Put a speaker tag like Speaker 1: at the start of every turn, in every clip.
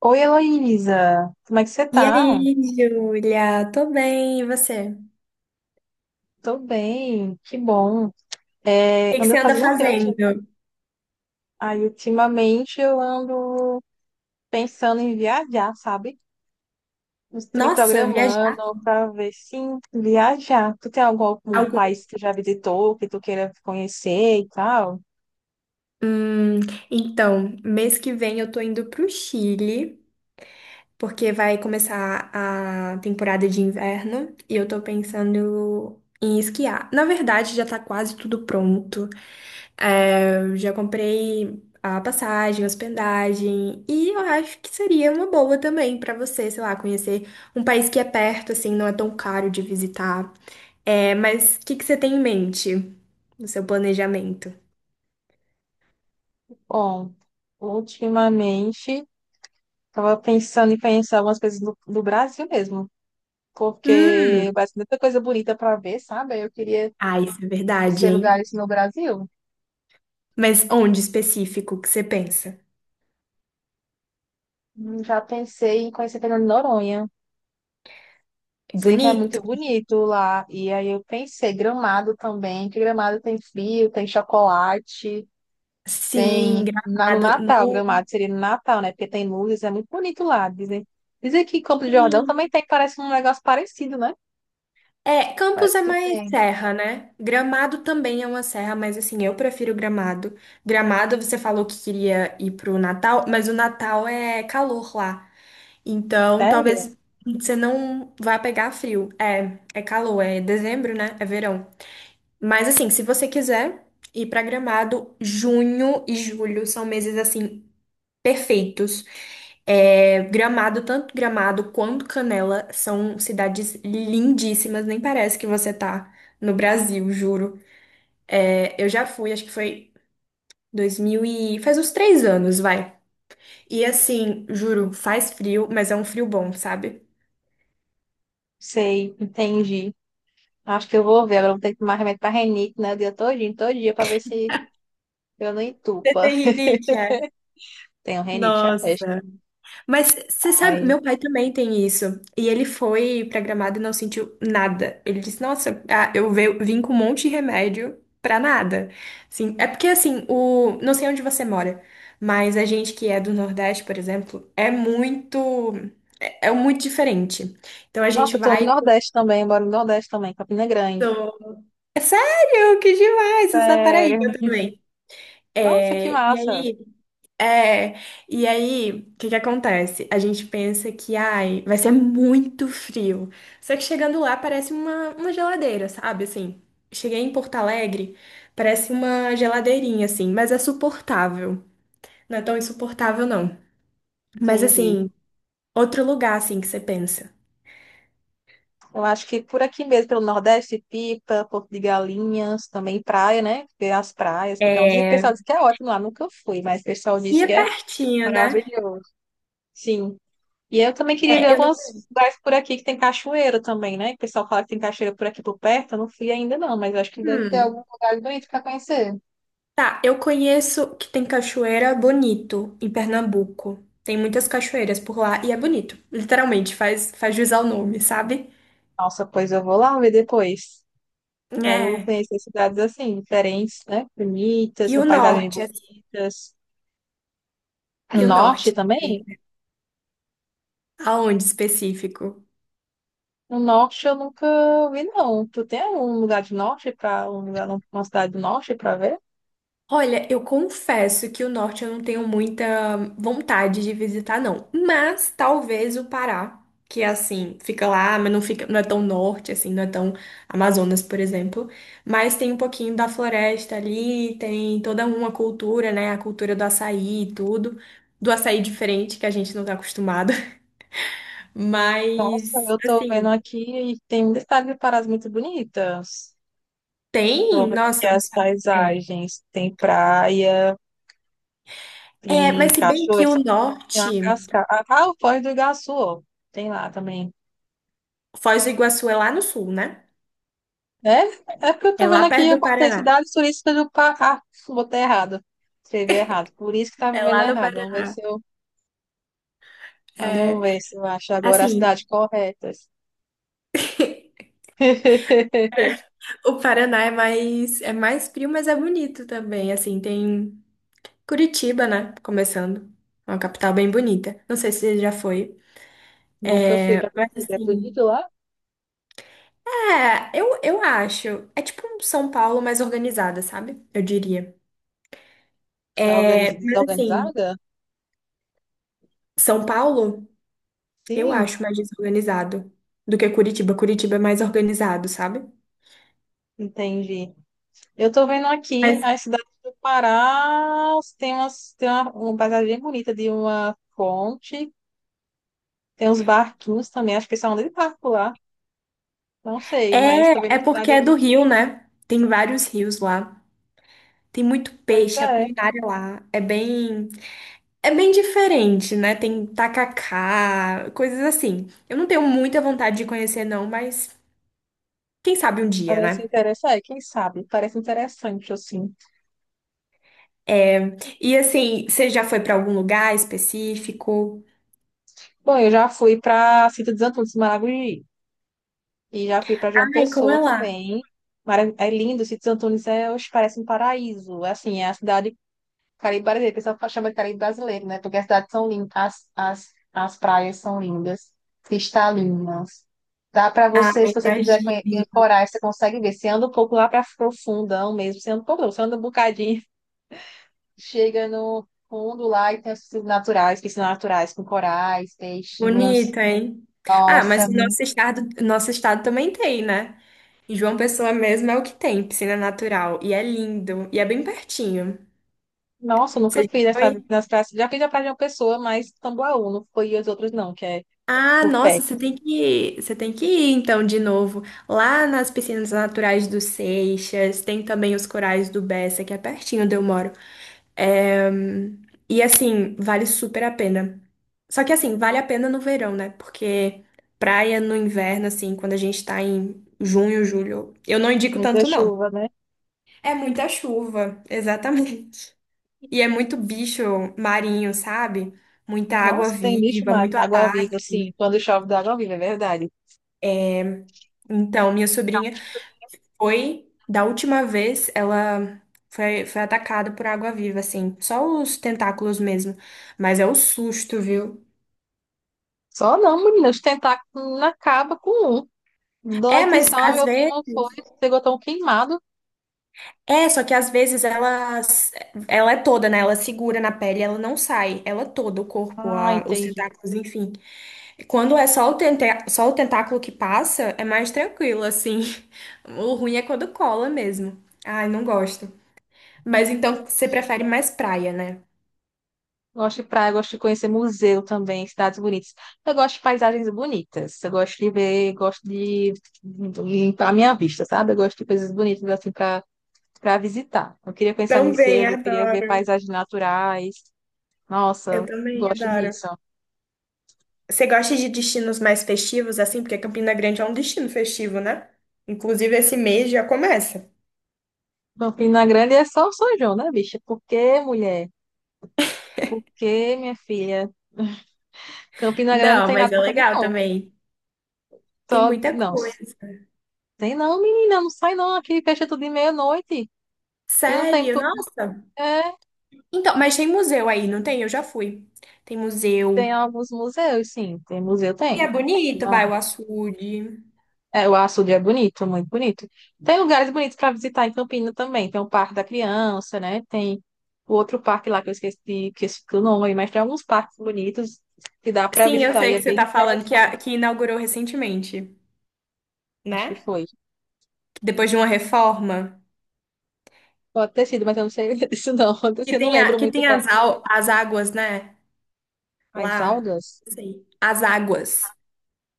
Speaker 1: Oi, Heloísa, como é que você
Speaker 2: E aí,
Speaker 1: tá?
Speaker 2: Júlia? Tô bem, e você? O
Speaker 1: Tô bem, que bom.
Speaker 2: que
Speaker 1: É,
Speaker 2: que você
Speaker 1: ando
Speaker 2: anda
Speaker 1: fazendo o que eu
Speaker 2: fazendo?
Speaker 1: tinha. Aí, ultimamente, eu ando pensando em viajar, sabe? Estou me
Speaker 2: Nossa, viajar
Speaker 1: programando para ver se viajar. Tu tem algum
Speaker 2: algum...
Speaker 1: país que tu já visitou, que tu queira conhecer e tal?
Speaker 2: Hum, então, mês que vem eu tô indo pro Chile, porque vai começar a temporada de inverno e eu tô pensando em esquiar. Na verdade, já tá quase tudo pronto. É, eu já comprei a passagem, a hospedagem e eu acho que seria uma boa também pra você, sei lá, conhecer um país que é perto, assim, não é tão caro de visitar. É, mas o que que você tem em mente no seu planejamento?
Speaker 1: Bom, ultimamente, tava pensando em conhecer algumas coisas do Brasil mesmo.
Speaker 2: Hum,
Speaker 1: Porque vai ser muita coisa bonita para ver, sabe? Eu queria
Speaker 2: ah, isso é verdade,
Speaker 1: conhecer
Speaker 2: hein?
Speaker 1: lugares no Brasil.
Speaker 2: Mas onde específico que você pensa?
Speaker 1: Já pensei em conhecer Fernando de Noronha.
Speaker 2: É
Speaker 1: Dizem que é muito
Speaker 2: Bonito?
Speaker 1: bonito lá. E aí eu pensei, Gramado também, que Gramado tem frio, tem chocolate,
Speaker 2: Sim,
Speaker 1: tem no
Speaker 2: Gramado.
Speaker 1: Natal, Gramado seria no Natal, né? Porque tem luzes, é muito bonito lá. Dizem que Campo de Jordão
Speaker 2: Sim.
Speaker 1: também tem, parece um negócio parecido, né?
Speaker 2: É, Campos
Speaker 1: Parece
Speaker 2: é
Speaker 1: que
Speaker 2: mais
Speaker 1: tem.
Speaker 2: serra, né? Gramado também é uma serra, mas assim, eu prefiro Gramado. Gramado, você falou que queria ir pro Natal, mas o Natal é calor lá. Então,
Speaker 1: Sério?
Speaker 2: talvez você não vá pegar frio. É, é calor, é dezembro, né? É verão. Mas assim, se você quiser ir pra Gramado, junho e julho são meses assim perfeitos. É, Gramado, tanto Gramado quanto Canela são cidades lindíssimas, nem parece que você tá no Brasil, juro. É, eu já fui, acho que foi 2000 e faz uns 3 anos, vai. E assim, juro, faz frio, mas é um frio bom, sabe?
Speaker 1: Sei, entendi. Acho que eu vou ver. Agora eu vou ter que tomar remédio pra renite, né? O dia todinho, todo dia, pra ver se eu não
Speaker 2: Você
Speaker 1: entupa.
Speaker 2: tem rinite, é?
Speaker 1: Tenho renite, já vejo.
Speaker 2: Nossa. Mas você sabe, meu pai também tem isso. E ele foi pra Gramado e não sentiu nada. Ele disse: Nossa, ah, eu vim com um monte de remédio pra nada. Assim, é porque assim, não sei onde você mora, mas a gente que é do Nordeste, por exemplo, é muito. É muito diferente. Então a gente
Speaker 1: Nossa, eu tô no
Speaker 2: vai.
Speaker 1: Nordeste também, eu moro no Nordeste também, Campina Grande.
Speaker 2: É sério, que demais! Isso na Paraíba
Speaker 1: Sério.
Speaker 2: também.
Speaker 1: Nossa, que
Speaker 2: É, e
Speaker 1: massa.
Speaker 2: aí. É, e aí, o que que acontece? A gente pensa que, ai, vai ser muito frio. Só que chegando lá parece uma geladeira, sabe? Assim, cheguei em Porto Alegre, parece uma geladeirinha, assim, mas é suportável. Não é tão insuportável, não. Mas,
Speaker 1: Entendi.
Speaker 2: assim, outro lugar, assim, que você pensa.
Speaker 1: Eu acho que por aqui mesmo, pelo Nordeste, Pipa, Porto de Galinhas, também praia, né? Tem as praias que estão. Dizem que o pessoal diz que é ótimo lá, nunca fui, mas o pessoal diz
Speaker 2: E é
Speaker 1: que é
Speaker 2: pertinho, né?
Speaker 1: maravilhoso. Sim. E eu também queria ver
Speaker 2: É, eu não...
Speaker 1: alguns lugares por aqui que tem cachoeira também, né? O pessoal fala que tem cachoeira por aqui por perto, eu não fui ainda não, mas eu acho que deve ter algum
Speaker 2: Hum.
Speaker 1: lugar bonito para conhecer.
Speaker 2: Tá, eu conheço que tem cachoeira Bonito, em Pernambuco. Tem muitas cachoeiras por lá e é bonito. Literalmente, faz jus ao nome, sabe?
Speaker 1: Nossa, pois eu vou lá ver depois. Quero
Speaker 2: É.
Speaker 1: conhecer cidades assim, diferentes, né? Bonitas,
Speaker 2: E
Speaker 1: com
Speaker 2: o
Speaker 1: paisagens
Speaker 2: norte, assim,
Speaker 1: bonitas. No
Speaker 2: e o norte?
Speaker 1: norte também?
Speaker 2: Aonde específico?
Speaker 1: No norte eu nunca vi, não. Tu tem algum lugar de norte para um lugar, uma cidade do norte para ver?
Speaker 2: Olha, eu confesso que o norte eu não tenho muita vontade de visitar, não. Mas talvez o Pará, que é assim, fica lá, mas não fica, não é tão norte, assim, não é tão Amazonas, por exemplo. Mas tem um pouquinho da floresta ali, tem toda uma cultura, né? A cultura do açaí e tudo. Do açaí diferente, que a gente não tá acostumado.
Speaker 1: Nossa,
Speaker 2: Mas,
Speaker 1: eu tô vendo
Speaker 2: assim,
Speaker 1: aqui e tem muita cidade de Parás muito bonitas. Tô
Speaker 2: tem,
Speaker 1: vendo aqui
Speaker 2: nossa, eu não
Speaker 1: as
Speaker 2: sabe. É.
Speaker 1: paisagens. Tem praia,
Speaker 2: É,
Speaker 1: tem
Speaker 2: mas se bem que
Speaker 1: cachoeira,
Speaker 2: o
Speaker 1: tem uma
Speaker 2: norte,
Speaker 1: cascata. Ah, o Foz do Iguaçu, ó. Tem lá também.
Speaker 2: Foz do Iguaçu é lá no sul, né?
Speaker 1: É? É porque eu
Speaker 2: É
Speaker 1: tô
Speaker 2: lá
Speaker 1: vendo aqui,
Speaker 2: perto
Speaker 1: eu
Speaker 2: do
Speaker 1: botei
Speaker 2: Paraná.
Speaker 1: cidades turísticas do Pará. Ah, botei errado. Escrevi errado. Por isso que tava
Speaker 2: É
Speaker 1: vendo
Speaker 2: lá no
Speaker 1: errado.
Speaker 2: Paraná.
Speaker 1: Vamos
Speaker 2: É,
Speaker 1: ver se eu acho agora as cidades
Speaker 2: assim,
Speaker 1: corretas.
Speaker 2: o Paraná é mais frio, mas é bonito também. Assim, tem Curitiba, né? Começando. É uma capital bem bonita. Não sei se você já foi.
Speaker 1: Nunca fui pra
Speaker 2: Mas
Speaker 1: Brasília. É
Speaker 2: assim,
Speaker 1: bonito lá?
Speaker 2: é, eu acho. É tipo um São Paulo mais organizada, sabe? Eu diria. É, mas assim,
Speaker 1: Desorganizada?
Speaker 2: São Paulo, eu
Speaker 1: Sim,
Speaker 2: acho mais desorganizado do que Curitiba. Curitiba é mais organizado, sabe?
Speaker 1: entendi. Eu tô vendo aqui
Speaker 2: Mas
Speaker 1: as cidades do Pará. Tem, umas, tem uma paisagem bem bonita de uma fonte. Tem uns barquinhos também. Acho que eles são de barco lá. Não sei, mas tô
Speaker 2: é,
Speaker 1: vendo
Speaker 2: é
Speaker 1: a
Speaker 2: porque
Speaker 1: cidade
Speaker 2: é
Speaker 1: aqui.
Speaker 2: do Rio, né? Tem vários rios lá. Tem muito
Speaker 1: Pois
Speaker 2: peixe, a
Speaker 1: é.
Speaker 2: culinária lá é bem diferente, né? Tem tacacá, coisas assim. Eu não tenho muita vontade de conhecer não, mas quem sabe um dia,
Speaker 1: Parece
Speaker 2: né?
Speaker 1: interessante, é, quem sabe? Parece interessante, assim.
Speaker 2: É, e assim, você já foi pra algum lugar específico?
Speaker 1: Bom, eu já fui para Sítio dos Antunes, Maragogi, e já fui para João
Speaker 2: Ai, como
Speaker 1: Pessoa
Speaker 2: é lá?
Speaker 1: também. É lindo, Sítio dos Antunes é, oxe, parece um paraíso. É assim, é a cidade Caribe brasileira, o pessoal chama de Caribe brasileiro, né? Porque as cidades são lindas, as praias são lindas, cristalinas. Dá para
Speaker 2: Ah,
Speaker 1: você, se você quiser
Speaker 2: imagina.
Speaker 1: coragem, você consegue ver. Você anda um pouco lá para profundão mesmo, você anda um pouco, não, você anda um bocadinho. Chega no fundo lá e tem as piscinas naturais com corais, peixinhos.
Speaker 2: Bonito, hein? Ah, mas
Speaker 1: Nossa,
Speaker 2: o nosso estado também tem, né? Em João Pessoa mesmo é o que tem, piscina natural. E é lindo. E é bem pertinho.
Speaker 1: nossa, eu
Speaker 2: Você
Speaker 1: nunca
Speaker 2: já
Speaker 1: fiz essa
Speaker 2: foi?
Speaker 1: nas praias. Já fiz a praia de uma pessoa, mas Tambaú não foi e as outras não, que é
Speaker 2: Ah,
Speaker 1: por
Speaker 2: nossa,
Speaker 1: perto.
Speaker 2: você tem que ir então de novo. Lá nas piscinas naturais do Seixas, tem também os corais do Bessa, que é pertinho onde eu moro. É, e assim, vale super a pena. Só que assim, vale a pena no verão, né? Porque praia no inverno, assim, quando a gente tá em junho, julho, eu não indico
Speaker 1: Muita
Speaker 2: tanto, não.
Speaker 1: chuva, né?
Speaker 2: É muita chuva, exatamente. E é muito bicho marinho, sabe? Muita água
Speaker 1: Nossa, tem bicho
Speaker 2: viva,
Speaker 1: na
Speaker 2: muito
Speaker 1: água-viva,
Speaker 2: ataque.
Speaker 1: assim, quando chove da água-viva, é verdade.
Speaker 2: Então, minha sobrinha da última vez, ela foi atacada por água-viva, assim. Só os tentáculos mesmo. Mas é o susto, viu?
Speaker 1: Só não, menina, os tentáculos não acaba com um. Dói
Speaker 2: É,
Speaker 1: que
Speaker 2: mas
Speaker 1: só,
Speaker 2: às
Speaker 1: meu
Speaker 2: vezes.
Speaker 1: primo foi, chegou tão queimado.
Speaker 2: É, só que às vezes ela é toda, né? Ela segura na pele, ela não sai. Ela é toda, o corpo,
Speaker 1: Ah,
Speaker 2: os
Speaker 1: entendi.
Speaker 2: tentáculos, enfim. Quando é só o tentáculo que passa, é mais tranquilo, assim. O ruim é quando cola mesmo. Ai, não gosto. Mas então você prefere mais praia, né?
Speaker 1: Gosto de praia, gosto de conhecer museu também, cidades bonitas. Eu gosto de paisagens bonitas. Eu gosto de ver, gosto de limpar a minha vista, sabe? Eu gosto de coisas bonitas assim para visitar. Eu queria conhecer
Speaker 2: Também
Speaker 1: museus, eu queria ver
Speaker 2: adoro.
Speaker 1: paisagens naturais.
Speaker 2: Eu
Speaker 1: Nossa, eu
Speaker 2: também
Speaker 1: gosto
Speaker 2: adoro.
Speaker 1: disso.
Speaker 2: Você gosta de destinos mais festivos, assim? Porque Campina Grande é um destino festivo, né? Inclusive, esse mês já começa.
Speaker 1: Campina Grande é só o São João, né, bicha? Por que, mulher? Por que, minha filha? Campina Grande não
Speaker 2: Não,
Speaker 1: tem nada
Speaker 2: mas é
Speaker 1: pra fazer,
Speaker 2: legal
Speaker 1: não.
Speaker 2: também. Tem
Speaker 1: Só...
Speaker 2: muita
Speaker 1: Não,
Speaker 2: coisa.
Speaker 1: tem não, menina, não sai não. Aqui fecha tudo de meia-noite. E não tem
Speaker 2: Sério?
Speaker 1: tudo.
Speaker 2: Nossa. Então, mas tem museu aí, não tem? Eu já fui. Tem museu.
Speaker 1: Tem alguns museus, sim. Tem museu,
Speaker 2: E é
Speaker 1: tem.
Speaker 2: bonito, vai, o
Speaker 1: Nossa.
Speaker 2: açude.
Speaker 1: É, o açude é bonito, muito bonito. Tem lugares bonitos para visitar em Campina também. Tem o Parque da Criança, né? Tem o outro parque lá que eu esqueci, o nome, mas tem alguns parques bonitos que dá para
Speaker 2: Sim, eu
Speaker 1: visitar e
Speaker 2: sei
Speaker 1: é
Speaker 2: que você
Speaker 1: bem
Speaker 2: tá falando que,
Speaker 1: interessante.
Speaker 2: que inaugurou recentemente,
Speaker 1: Acho que
Speaker 2: né?
Speaker 1: foi.
Speaker 2: Depois de uma reforma.
Speaker 1: Pode ter sido, mas eu não sei disso não. Assim,
Speaker 2: Que
Speaker 1: eu não
Speaker 2: tem,
Speaker 1: lembro
Speaker 2: que
Speaker 1: muito
Speaker 2: tem
Speaker 1: bem.
Speaker 2: as, as águas, né?
Speaker 1: As
Speaker 2: Lá.
Speaker 1: algas,
Speaker 2: Sei. As águas.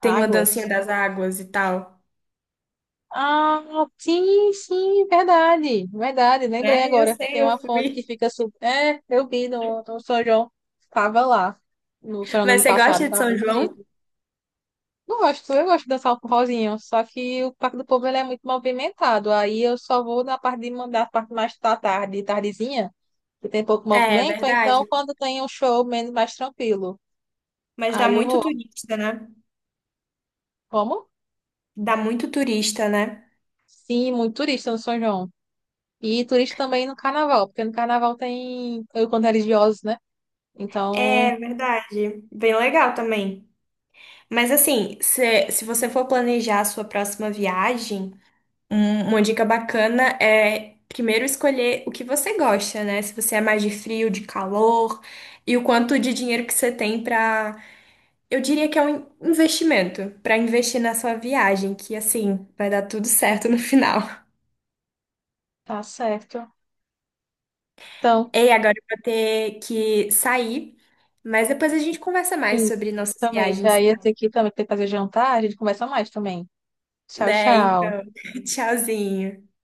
Speaker 2: Tem uma dancinha
Speaker 1: águas.
Speaker 2: das águas e tal.
Speaker 1: Ah, sim, sim, verdade, verdade. Lembrei
Speaker 2: Né? Eu
Speaker 1: agora.
Speaker 2: sei,
Speaker 1: Tem
Speaker 2: eu
Speaker 1: uma foto que
Speaker 2: fui.
Speaker 1: fica super. É, eu vi no São João. Tava lá. No São João do
Speaker 2: Mas
Speaker 1: ano
Speaker 2: você
Speaker 1: passado.
Speaker 2: gosta de
Speaker 1: Tava
Speaker 2: São
Speaker 1: bem
Speaker 2: João?
Speaker 1: bonito. Gosto, eu gosto de dançar o forrozinho. Só que o Parque do Povo ele é muito movimentado. Aí eu só vou na parte de mandar a parte mais da tarde, tardezinha, que tem pouco
Speaker 2: É,
Speaker 1: movimento. Ou então,
Speaker 2: verdade.
Speaker 1: quando tem um show menos mais tranquilo.
Speaker 2: Mas dá
Speaker 1: Aí eu
Speaker 2: muito
Speaker 1: vou.
Speaker 2: turista, né?
Speaker 1: Como?
Speaker 2: Dá muito turista, né?
Speaker 1: Sim, muito turista no São João. E turista também no carnaval, porque no carnaval tem encontro religiosos, né? Então,
Speaker 2: É verdade. Bem legal também. Mas assim, se você for planejar a sua próxima viagem, uma dica bacana é primeiro escolher o que você gosta, né? Se você é mais de frio, de calor, e o quanto de dinheiro que você tem para. Eu diria que é um investimento para investir na sua viagem, que assim vai dar tudo certo no final.
Speaker 1: tá certo. Então,
Speaker 2: Ei, agora eu vou ter que sair, mas depois a gente conversa mais
Speaker 1: sim,
Speaker 2: sobre nossas
Speaker 1: também. Já
Speaker 2: viagens,
Speaker 1: ia
Speaker 2: tá?
Speaker 1: ter que também ter que fazer jantar, a gente conversa mais também. Tchau,
Speaker 2: Né?
Speaker 1: tchau.
Speaker 2: Então, tchauzinho.